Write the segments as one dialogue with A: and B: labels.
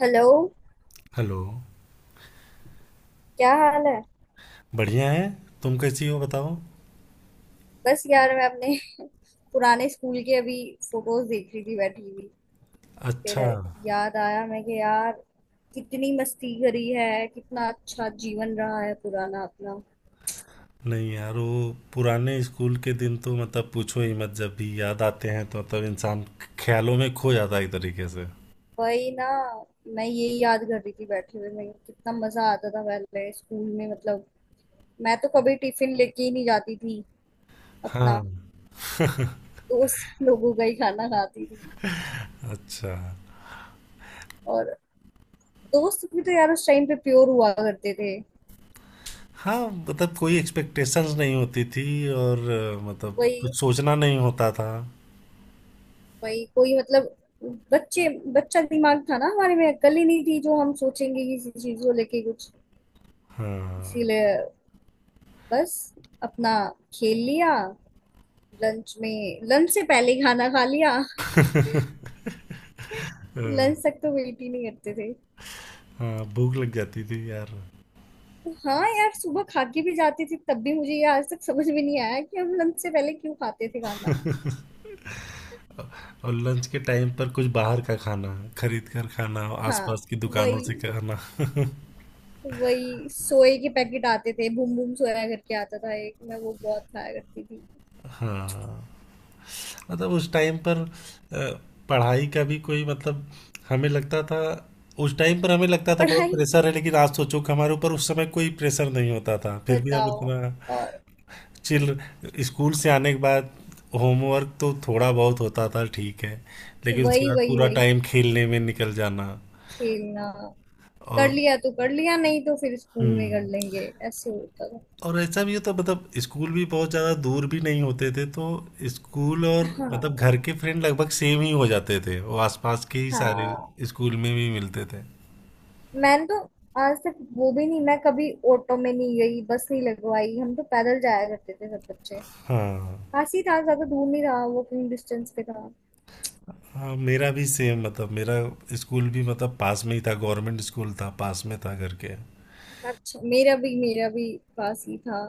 A: Hello.
B: Hello.
A: क्या हाल है?
B: बढ़िया है। तुम कैसी हो बताओ।
A: बस यार, मैं अपने पुराने स्कूल के अभी फोटोज देख रही थी बैठी हुई। फिर
B: अच्छा।
A: याद आया मैं कि यार कितनी मस्ती करी है, कितना अच्छा जीवन रहा है पुराना अपना।
B: नहीं यार, वो पुराने स्कूल के दिन तो मतलब पूछो ही मत। जब भी याद आते हैं तो मतलब इंसान ख्यालों में खो जाता है एक तरीके से।
A: वही ना, मैं ये याद कर रही थी बैठे हुए मैं, कितना मजा आता था पहले स्कूल में। मतलब मैं तो कभी टिफिन लेके ही नहीं जाती थी
B: हाँ।
A: अपना, दोस्त लोगों का ही खाना खाती थी।
B: अच्छा।
A: और दोस्त भी तो यार उस टाइम पे प्योर हुआ करते थे।
B: हाँ मतलब कोई एक्सपेक्टेशंस नहीं होती थी और मतलब
A: वही,
B: कुछ सोचना नहीं होता था।
A: वही कोई मतलब, बच्चे बच्चा दिमाग था ना हमारे में, अक्ल ही नहीं थी जो हम सोचेंगे किसी चीज को लेके कुछ।
B: हाँ।
A: इसीलिए बस अपना खेल लिया, लंच में लंच से पहले ही खाना खा लिया।
B: अ,
A: लंच तक तो वेट ही नहीं करते थे।
B: हाँ भूख लग जाती थी यार।
A: तो हाँ यार, सुबह खा के भी जाती थी, तब भी मुझे ये आज तक समझ में नहीं आया कि हम लंच से पहले क्यों खाते थे खाना।
B: और लंच के टाइम पर कुछ बाहर का खाना खरीद कर खाना,
A: हाँ,
B: आसपास की दुकानों से
A: वही
B: खाना।
A: वही, सोए के पैकेट आते थे, बूम बूम सोया करके आता था एक, मैं वो बहुत खाया करती थी।
B: हाँ मतलब उस टाइम पर अ, पढ़ाई का भी कोई मतलब हमें लगता था। उस टाइम पर हमें लगता था बहुत
A: पढ़ाई
B: प्रेशर है लेकिन आज सोचो कि हमारे ऊपर उस समय कोई प्रेशर नहीं होता था फिर भी हम
A: बताओ।
B: इतना
A: और
B: चिल। स्कूल से आने के बाद होमवर्क तो थोड़ा बहुत होता था, ठीक है, लेकिन उसके
A: वही
B: बाद
A: वही
B: पूरा
A: वही,
B: टाइम खेलने में निकल जाना।
A: खेलना कर
B: और
A: लिया तो कर लिया, नहीं तो फिर स्कूल में कर
B: हम्म।
A: लेंगे। ऐसे होता था।
B: और ऐसा भी होता मतलब स्कूल भी बहुत ज़्यादा दूर भी नहीं होते थे तो स्कूल और मतलब
A: हाँ,
B: घर के फ्रेंड लगभग सेम ही हो जाते थे। वो आसपास के ही सारे
A: हाँ।
B: स्कूल में भी मिलते थे।
A: मैंने तो आज तक वो भी नहीं, मैं कभी ऑटो में नहीं गई, बस नहीं लगवाई, हम तो पैदल जाया करते थे सब बच्चे।
B: हाँ।
A: पास ही था, ज्यादा दूर नहीं था, वॉकिंग डिस्टेंस पे था।
B: हाँ मेरा भी सेम मतलब मेरा स्कूल भी मतलब पास में ही था। गवर्नमेंट स्कूल था, पास में था घर के।
A: अच्छा। मेरा भी, मेरा भी पास ही था।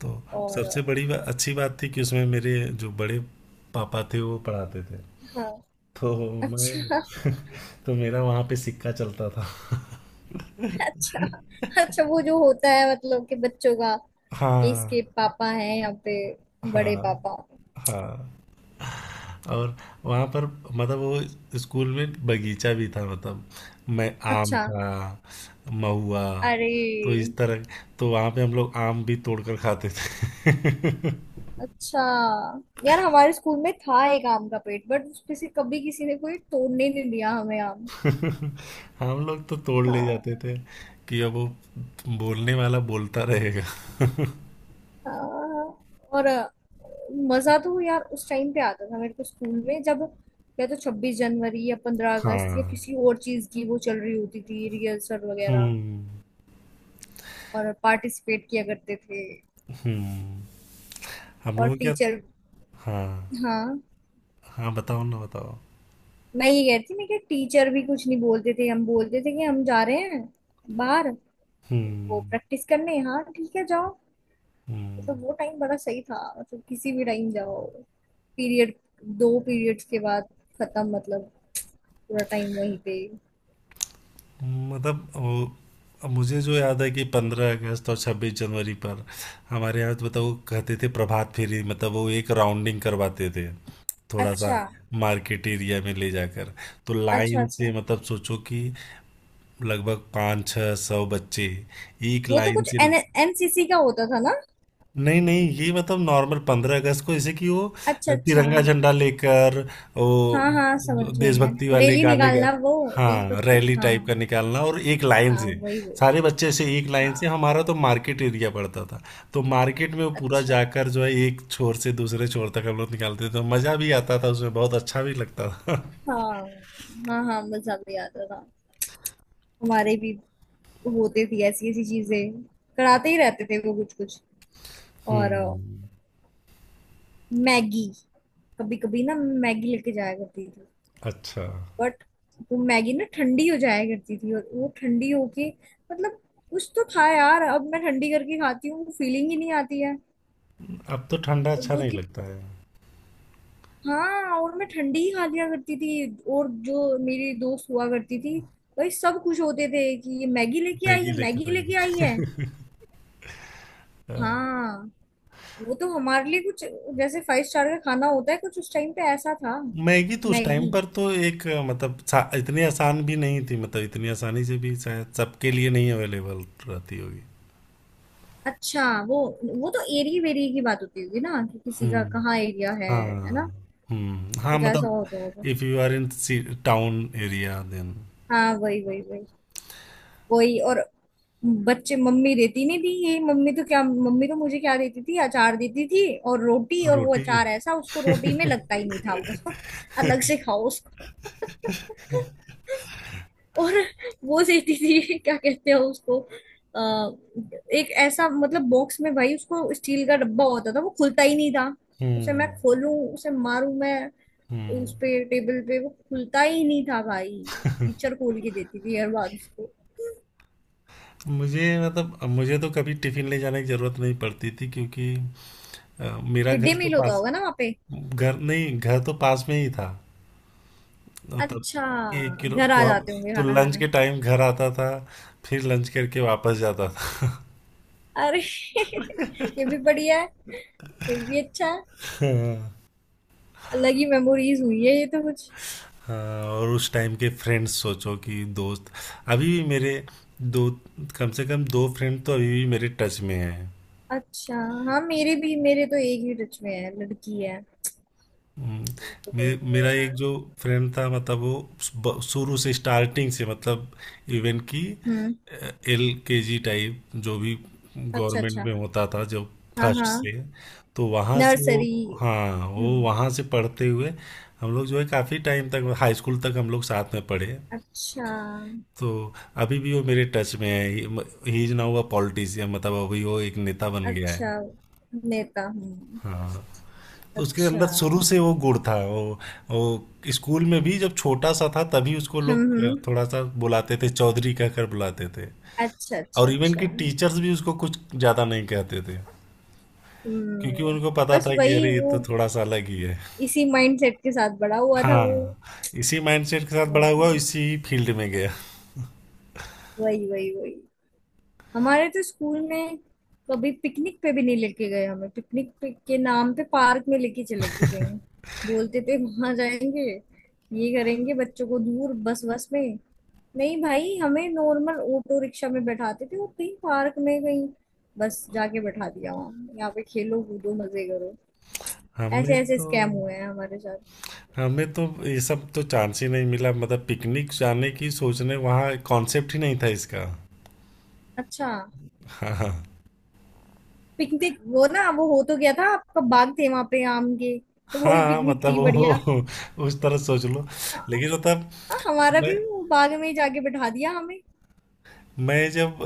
B: तो सबसे
A: और
B: बड़ी अच्छी बात थी कि उसमें मेरे जो बड़े पापा थे वो पढ़ाते थे।
A: हाँ,
B: तो
A: अच्छा,
B: मैं तो मेरा वहाँ पे सिक्का चलता था।
A: अच्छा, अच्छा। वो जो होता है मतलब कि बच्चों का, कि
B: हाँ।
A: इसके पापा हैं यहाँ पे, बड़े
B: हाँ।
A: पापा।
B: हाँ। और वहाँ पर मतलब वो स्कूल में बगीचा भी था मतलब मैं आम
A: अच्छा,
B: का महुआ, तो
A: अरे,
B: इस तरह तो वहाँ पे हम लोग आम भी तोड़ कर खाते थे।
A: अच्छा। यार, हमारे स्कूल में था एक आम का पेड़, बट उसमें से कभी किसी ने कोई तोड़ने नहीं दिया हमें आम।
B: हम लोग तो तोड़ ले
A: हाँ,
B: जाते थे कि अब वो बोलने वाला बोलता रहेगा।
A: हाँ। और मजा तो यार उस टाइम पे आता था मेरे को स्कूल में, जब या तो 26 जनवरी या 15 अगस्त या
B: हाँ।
A: किसी और चीज की वो चल रही होती थी रिहर्सल वगैरह।
B: हम्म।
A: और पार्टिसिपेट किया करते थे।
B: हम्म। हम
A: और
B: लोग क्या।
A: टीचर,
B: हाँ।
A: हाँ।
B: हाँ बताओ ना, बताओ।
A: मैं ये कह रही थी मैं कि टीचर भी कुछ नहीं बोलते थे, हम बोलते थे कि हम जा रहे हैं बाहर, वो
B: हम्म।
A: प्रैक्टिस करने। हाँ ठीक है जाओ।
B: हम्म।
A: मतलब वो टाइम बड़ा सही था, मतलब किसी भी टाइम जाओ। पीरियड, दो पीरियड्स के बाद खत्म, मतलब पूरा टाइम वहीं पे।
B: मतलब वो, अब मुझे जो याद है कि 15 अगस्त और 26 जनवरी पर हमारे यहाँ तो मतलब वो कहते थे प्रभात फेरी, मतलब वो एक राउंडिंग करवाते थे थोड़ा सा,
A: अच्छा,
B: मार्केट एरिया में ले जाकर। तो
A: अच्छा,
B: लाइन से
A: अच्छा।
B: मतलब सोचो कि लगभग 5-6 सौ बच्चे एक
A: वो तो
B: लाइन
A: कुछ
B: से।
A: एन एनसीसी का होता था ना?
B: नहीं नहीं, ये मतलब नॉर्मल 15 अगस्त को जैसे कि वो
A: अच्छा, अच्छा।
B: तिरंगा झंडा लेकर वो
A: हाँ हाँ समझ गई मैं,
B: देशभक्ति वाले
A: रैली
B: गाने का।
A: निकालना वो,
B: हाँ
A: देशभक्ति।
B: रैली
A: हाँ,
B: टाइप का निकालना, और एक लाइन
A: हाँ,
B: से
A: वही वही।
B: सारे बच्चे, से एक लाइन से
A: हाँ,
B: हमारा तो मार्केट एरिया पड़ता था। तो मार्केट में वो पूरा
A: अच्छा।
B: जाकर जो है एक छोर से दूसरे छोर तक हम लोग निकालते थे। तो मज़ा भी आता था उसमें, बहुत अच्छा भी लगता था।
A: हाँ, हाँ, हाँ, मुझे ज्यादा याद आ रहा हमारे भी होते थे, ऐसी ऐसी चीजें कराते ही रहते थे वो कुछ कुछ। और
B: हम्म।
A: मैगी, कभी कभी ना मैगी लेके जाया करती थी।
B: अच्छा।
A: बट वो मैगी ना ठंडी हो जाया करती थी और वो ठंडी होके, मतलब कुछ तो था यार, अब मैं ठंडी करके खाती हूँ फीलिंग ही नहीं आती है।
B: अब तो ठंडा
A: और
B: अच्छा
A: वो
B: नहीं
A: थी,
B: लगता है।
A: हाँ, और मैं ठंडी ही खा लिया करती थी। और जो मेरी दोस्त हुआ करती थी, भाई सब खुश होते थे कि ये मैगी लेके आई
B: मैगी
A: है, मैगी
B: लेकर आई
A: लेके आई
B: है।
A: है।
B: हाँ।
A: हाँ, वो तो हमारे लिए कुछ जैसे 5 स्टार का खाना होता है कुछ, उस टाइम पे ऐसा था।
B: मैगी तो उस टाइम
A: मैगी,
B: पर तो एक मतलब इतनी आसान भी नहीं थी मतलब इतनी आसानी से भी शायद सबके लिए नहीं अवेलेबल रहती होगी।
A: अच्छा, वो तो एरिया वेरिया की बात होती होगी ना कि किसी का
B: हम्म।
A: कहाँ एरिया है। है
B: हाँ।
A: ना,
B: हम्म। हाँ
A: कुछ ऐसा
B: मतलब
A: होता होगा।
B: If you are in town area then.
A: हाँ, वही वही वही वही। और बच्चे, मम्मी देती नहीं थी ये। मम्मी तो क्या, मम्मी तो मुझे क्या देती थी? अचार देती थी और रोटी, और वो
B: रोटी।
A: अचार ऐसा उसको रोटी में लगता ही नहीं था वो अलग से खाओ। और वो देती थी क्या कहते हैं उसको, आ, एक ऐसा मतलब बॉक्स में, भाई उसको स्टील का डब्बा होता था, वो खुलता ही नहीं था। उसे मैं
B: हम्म।
A: खोलूं, उसे मारूं मैं उस
B: हम्म।
A: पे, टेबल पे, वो खुलता ही नहीं था भाई। टीचर खोल के देती थी हर बार उसको।
B: मुझे मतलब मुझे तो कभी टिफिन ले जाने की जरूरत नहीं पड़ती थी क्योंकि अ, मेरा
A: मिड डे
B: घर तो
A: मील होता
B: पास,
A: होगा ना वहाँ पे?
B: घर नहीं, घर तो पास में ही था। तब
A: अच्छा,
B: एक किलो
A: घर
B: तो
A: आ
B: हम,
A: जाते होंगे
B: तो
A: खाना
B: लंच के
A: खाने।
B: टाइम घर आता था, फिर लंच करके वापस जाता था।
A: अरे ये भी बढ़िया है, ये भी अच्छा है।
B: हाँ।
A: अलग ही मेमोरीज हुई है ये तो कुछ।
B: हाँ, और उस टाइम के फ्रेंड्स सोचो कि दोस्त अभी भी मेरे, दो, कम से कम दो फ्रेंड तो अभी भी मेरे टच में हैं।
A: अच्छा, हाँ, मेरे भी, मेरे तो एक ही टच में है, लड़की है।
B: हम्म।
A: वो तो कोई नहीं
B: मेरा
A: है
B: एक
A: यार।
B: जो फ्रेंड था मतलब वो शुरू से स्टार्टिंग से मतलब इवेंट की
A: हम्म,
B: एल के जी टाइप जो भी
A: अच्छा,
B: गवर्नमेंट
A: अच्छा।
B: में होता था जो
A: हाँ,
B: फर्स्ट
A: हाँ,
B: से, तो वहाँ से वो,
A: नर्सरी,
B: हाँ वो
A: हम्म।
B: वहाँ से पढ़ते हुए हम लोग जो है काफ़ी टाइम तक हाई स्कूल तक हम लोग साथ में पढ़े।
A: अच्छा,
B: तो अभी भी वो मेरे टच में है। He is now a politician, मतलब अभी वो एक नेता बन गया
A: अच्छा।
B: है।
A: नेता हूँ?
B: हाँ तो उसके अंदर
A: अच्छा,
B: शुरू से वो गुण था। वो स्कूल में भी जब छोटा सा था तभी उसको
A: हम्म,
B: लोग
A: हम्म,
B: थोड़ा सा बुलाते थे, चौधरी कहकर बुलाते थे।
A: अच्छा, अच्छा,
B: और इवन
A: अच्छा,
B: कि टीचर्स भी उसको कुछ ज्यादा नहीं कहते थे क्योंकि
A: हम्म।
B: उनको पता
A: बस
B: था कि
A: वही
B: अरे ये
A: वो,
B: तो थोड़ा सा अलग ही है।
A: इसी माइंडसेट के साथ बड़ा हुआ था वो।
B: हाँ इसी माइंडसेट के साथ बड़ा हुआ,
A: हम्म,
B: इसी फील्ड में गया।
A: वही वही वही। हमारे तो स्कूल में कभी पिकनिक पे भी नहीं लेके गए हमें, पिकनिक पे के नाम पे पार्क में लेके चले के गए हैं। बोलते थे वहां जाएंगे, ये करेंगे, बच्चों को दूर, बस बस में। नहीं भाई, हमें नॉर्मल ऑटो रिक्शा में बैठाते थे, वो कहीं पार्क में कहीं बस जाके बैठा दिया वहां, यहाँ पे खेलो कूदो मजे करो। ऐसे
B: हमें
A: ऐसे
B: तो
A: स्कैम हुए हैं हमारे साथ।
B: हमें तो ये सब तो चांस ही नहीं मिला मतलब पिकनिक जाने की सोचने वहाँ कॉन्सेप्ट ही नहीं था इसका।
A: अच्छा।
B: हाँ हाँ।
A: पिकनिक वो ना, वो हो तो गया था आपका, बाग थे वहां पे आम के, तो वो ही
B: हाँ
A: पिकनिक
B: मतलब
A: थी बढ़िया।
B: वो उस तरह सोच लो लेकिन मतलब
A: हाँ, हमारा
B: मैं
A: भी वो बाग में ही जाके बिठा दिया हमें।
B: मैं जब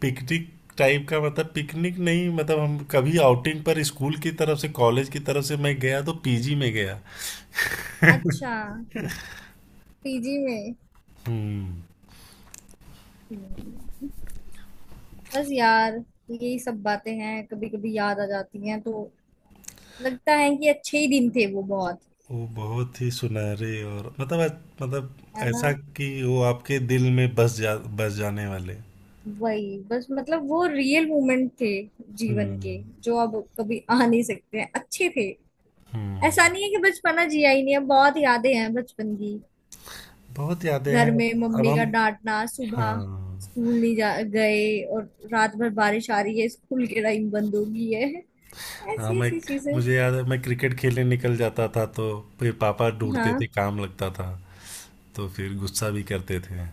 B: पिकनिक टाइप का मतलब पिकनिक नहीं मतलब हम कभी आउटिंग पर स्कूल की तरफ से, कॉलेज की तरफ से मैं गया तो पीजी में गया।
A: अच्छा, पीजी में।
B: हम्म।
A: हम्म, बस यार, यही सब बातें हैं, कभी कभी याद आ जाती हैं तो लगता है कि अच्छे ही दिन थे वो बहुत।
B: वो बहुत ही सुनहरे और मतलब मतलब
A: है ना,
B: ऐसा कि वो आपके दिल में बस जाने वाले।
A: वही बस, मतलब वो रियल मोमेंट थे जीवन
B: हम्म।
A: के, जो अब कभी आ नहीं सकते हैं। अच्छे थे।
B: हम्म।
A: ऐसा नहीं है कि बचपना जिया ही नहीं है, बहुत यादें हैं बचपन की।
B: बहुत यादें
A: घर
B: हैं।
A: में
B: अब
A: मम्मी का
B: हम,
A: डांटना सुबह,
B: हाँ।
A: स्कूल नहीं जा गए, और रात भर बारिश आ रही है स्कूल के टाइम बंद हो गई है,
B: हाँ
A: ऐसी
B: मैं,
A: ऐसी चीजें।
B: मुझे याद है मैं क्रिकेट खेलने निकल जाता था तो फिर पापा ढूंढते
A: हाँ,
B: थे, काम लगता था। तो फिर गुस्सा भी करते थे।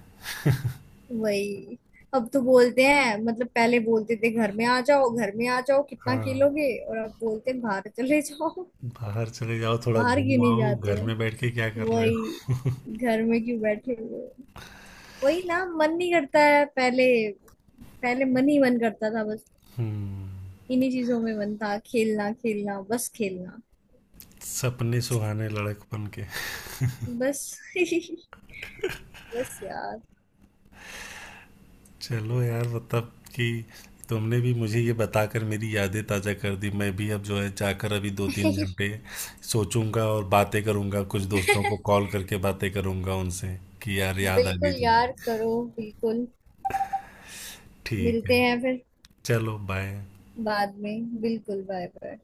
A: वही। अब तो बोलते हैं, मतलब पहले बोलते थे घर में आ जाओ, घर में आ जाओ, कितना
B: हाँ
A: खेलोगे, और अब बोलते हैं बाहर चले जाओ,
B: बाहर चले जाओ, थोड़ा
A: बाहर क्यों
B: घूम
A: नहीं
B: आओ,
A: जाते
B: घर
A: हो।
B: में बैठ के क्या कर रहे
A: वही,
B: हो।
A: घर में क्यों बैठे हुए हो? वही ना, मन नहीं करता है। पहले, पहले मन ही मन करता था बस,
B: हम्म।
A: इन्हीं चीजों में मन था, खेलना खेलना बस खेलना।
B: सपने सुहाने लड़कपन के।
A: बस बस यार।
B: चलो यार मतलब कि तुमने भी मुझे ये बताकर मेरी यादें ताज़ा कर दी। मैं भी अब जो है जाकर अभी 2-3 घंटे सोचूंगा और बातें करूंगा, कुछ दोस्तों को कॉल करके बातें करूंगा उनसे कि यार याद आ गई
A: बिल्कुल
B: तुम्हारी।
A: यार करो, बिल्कुल।
B: ठीक
A: मिलते
B: है।
A: हैं फिर
B: चलो बाय।
A: बाद में, बिल्कुल, बाय बाय।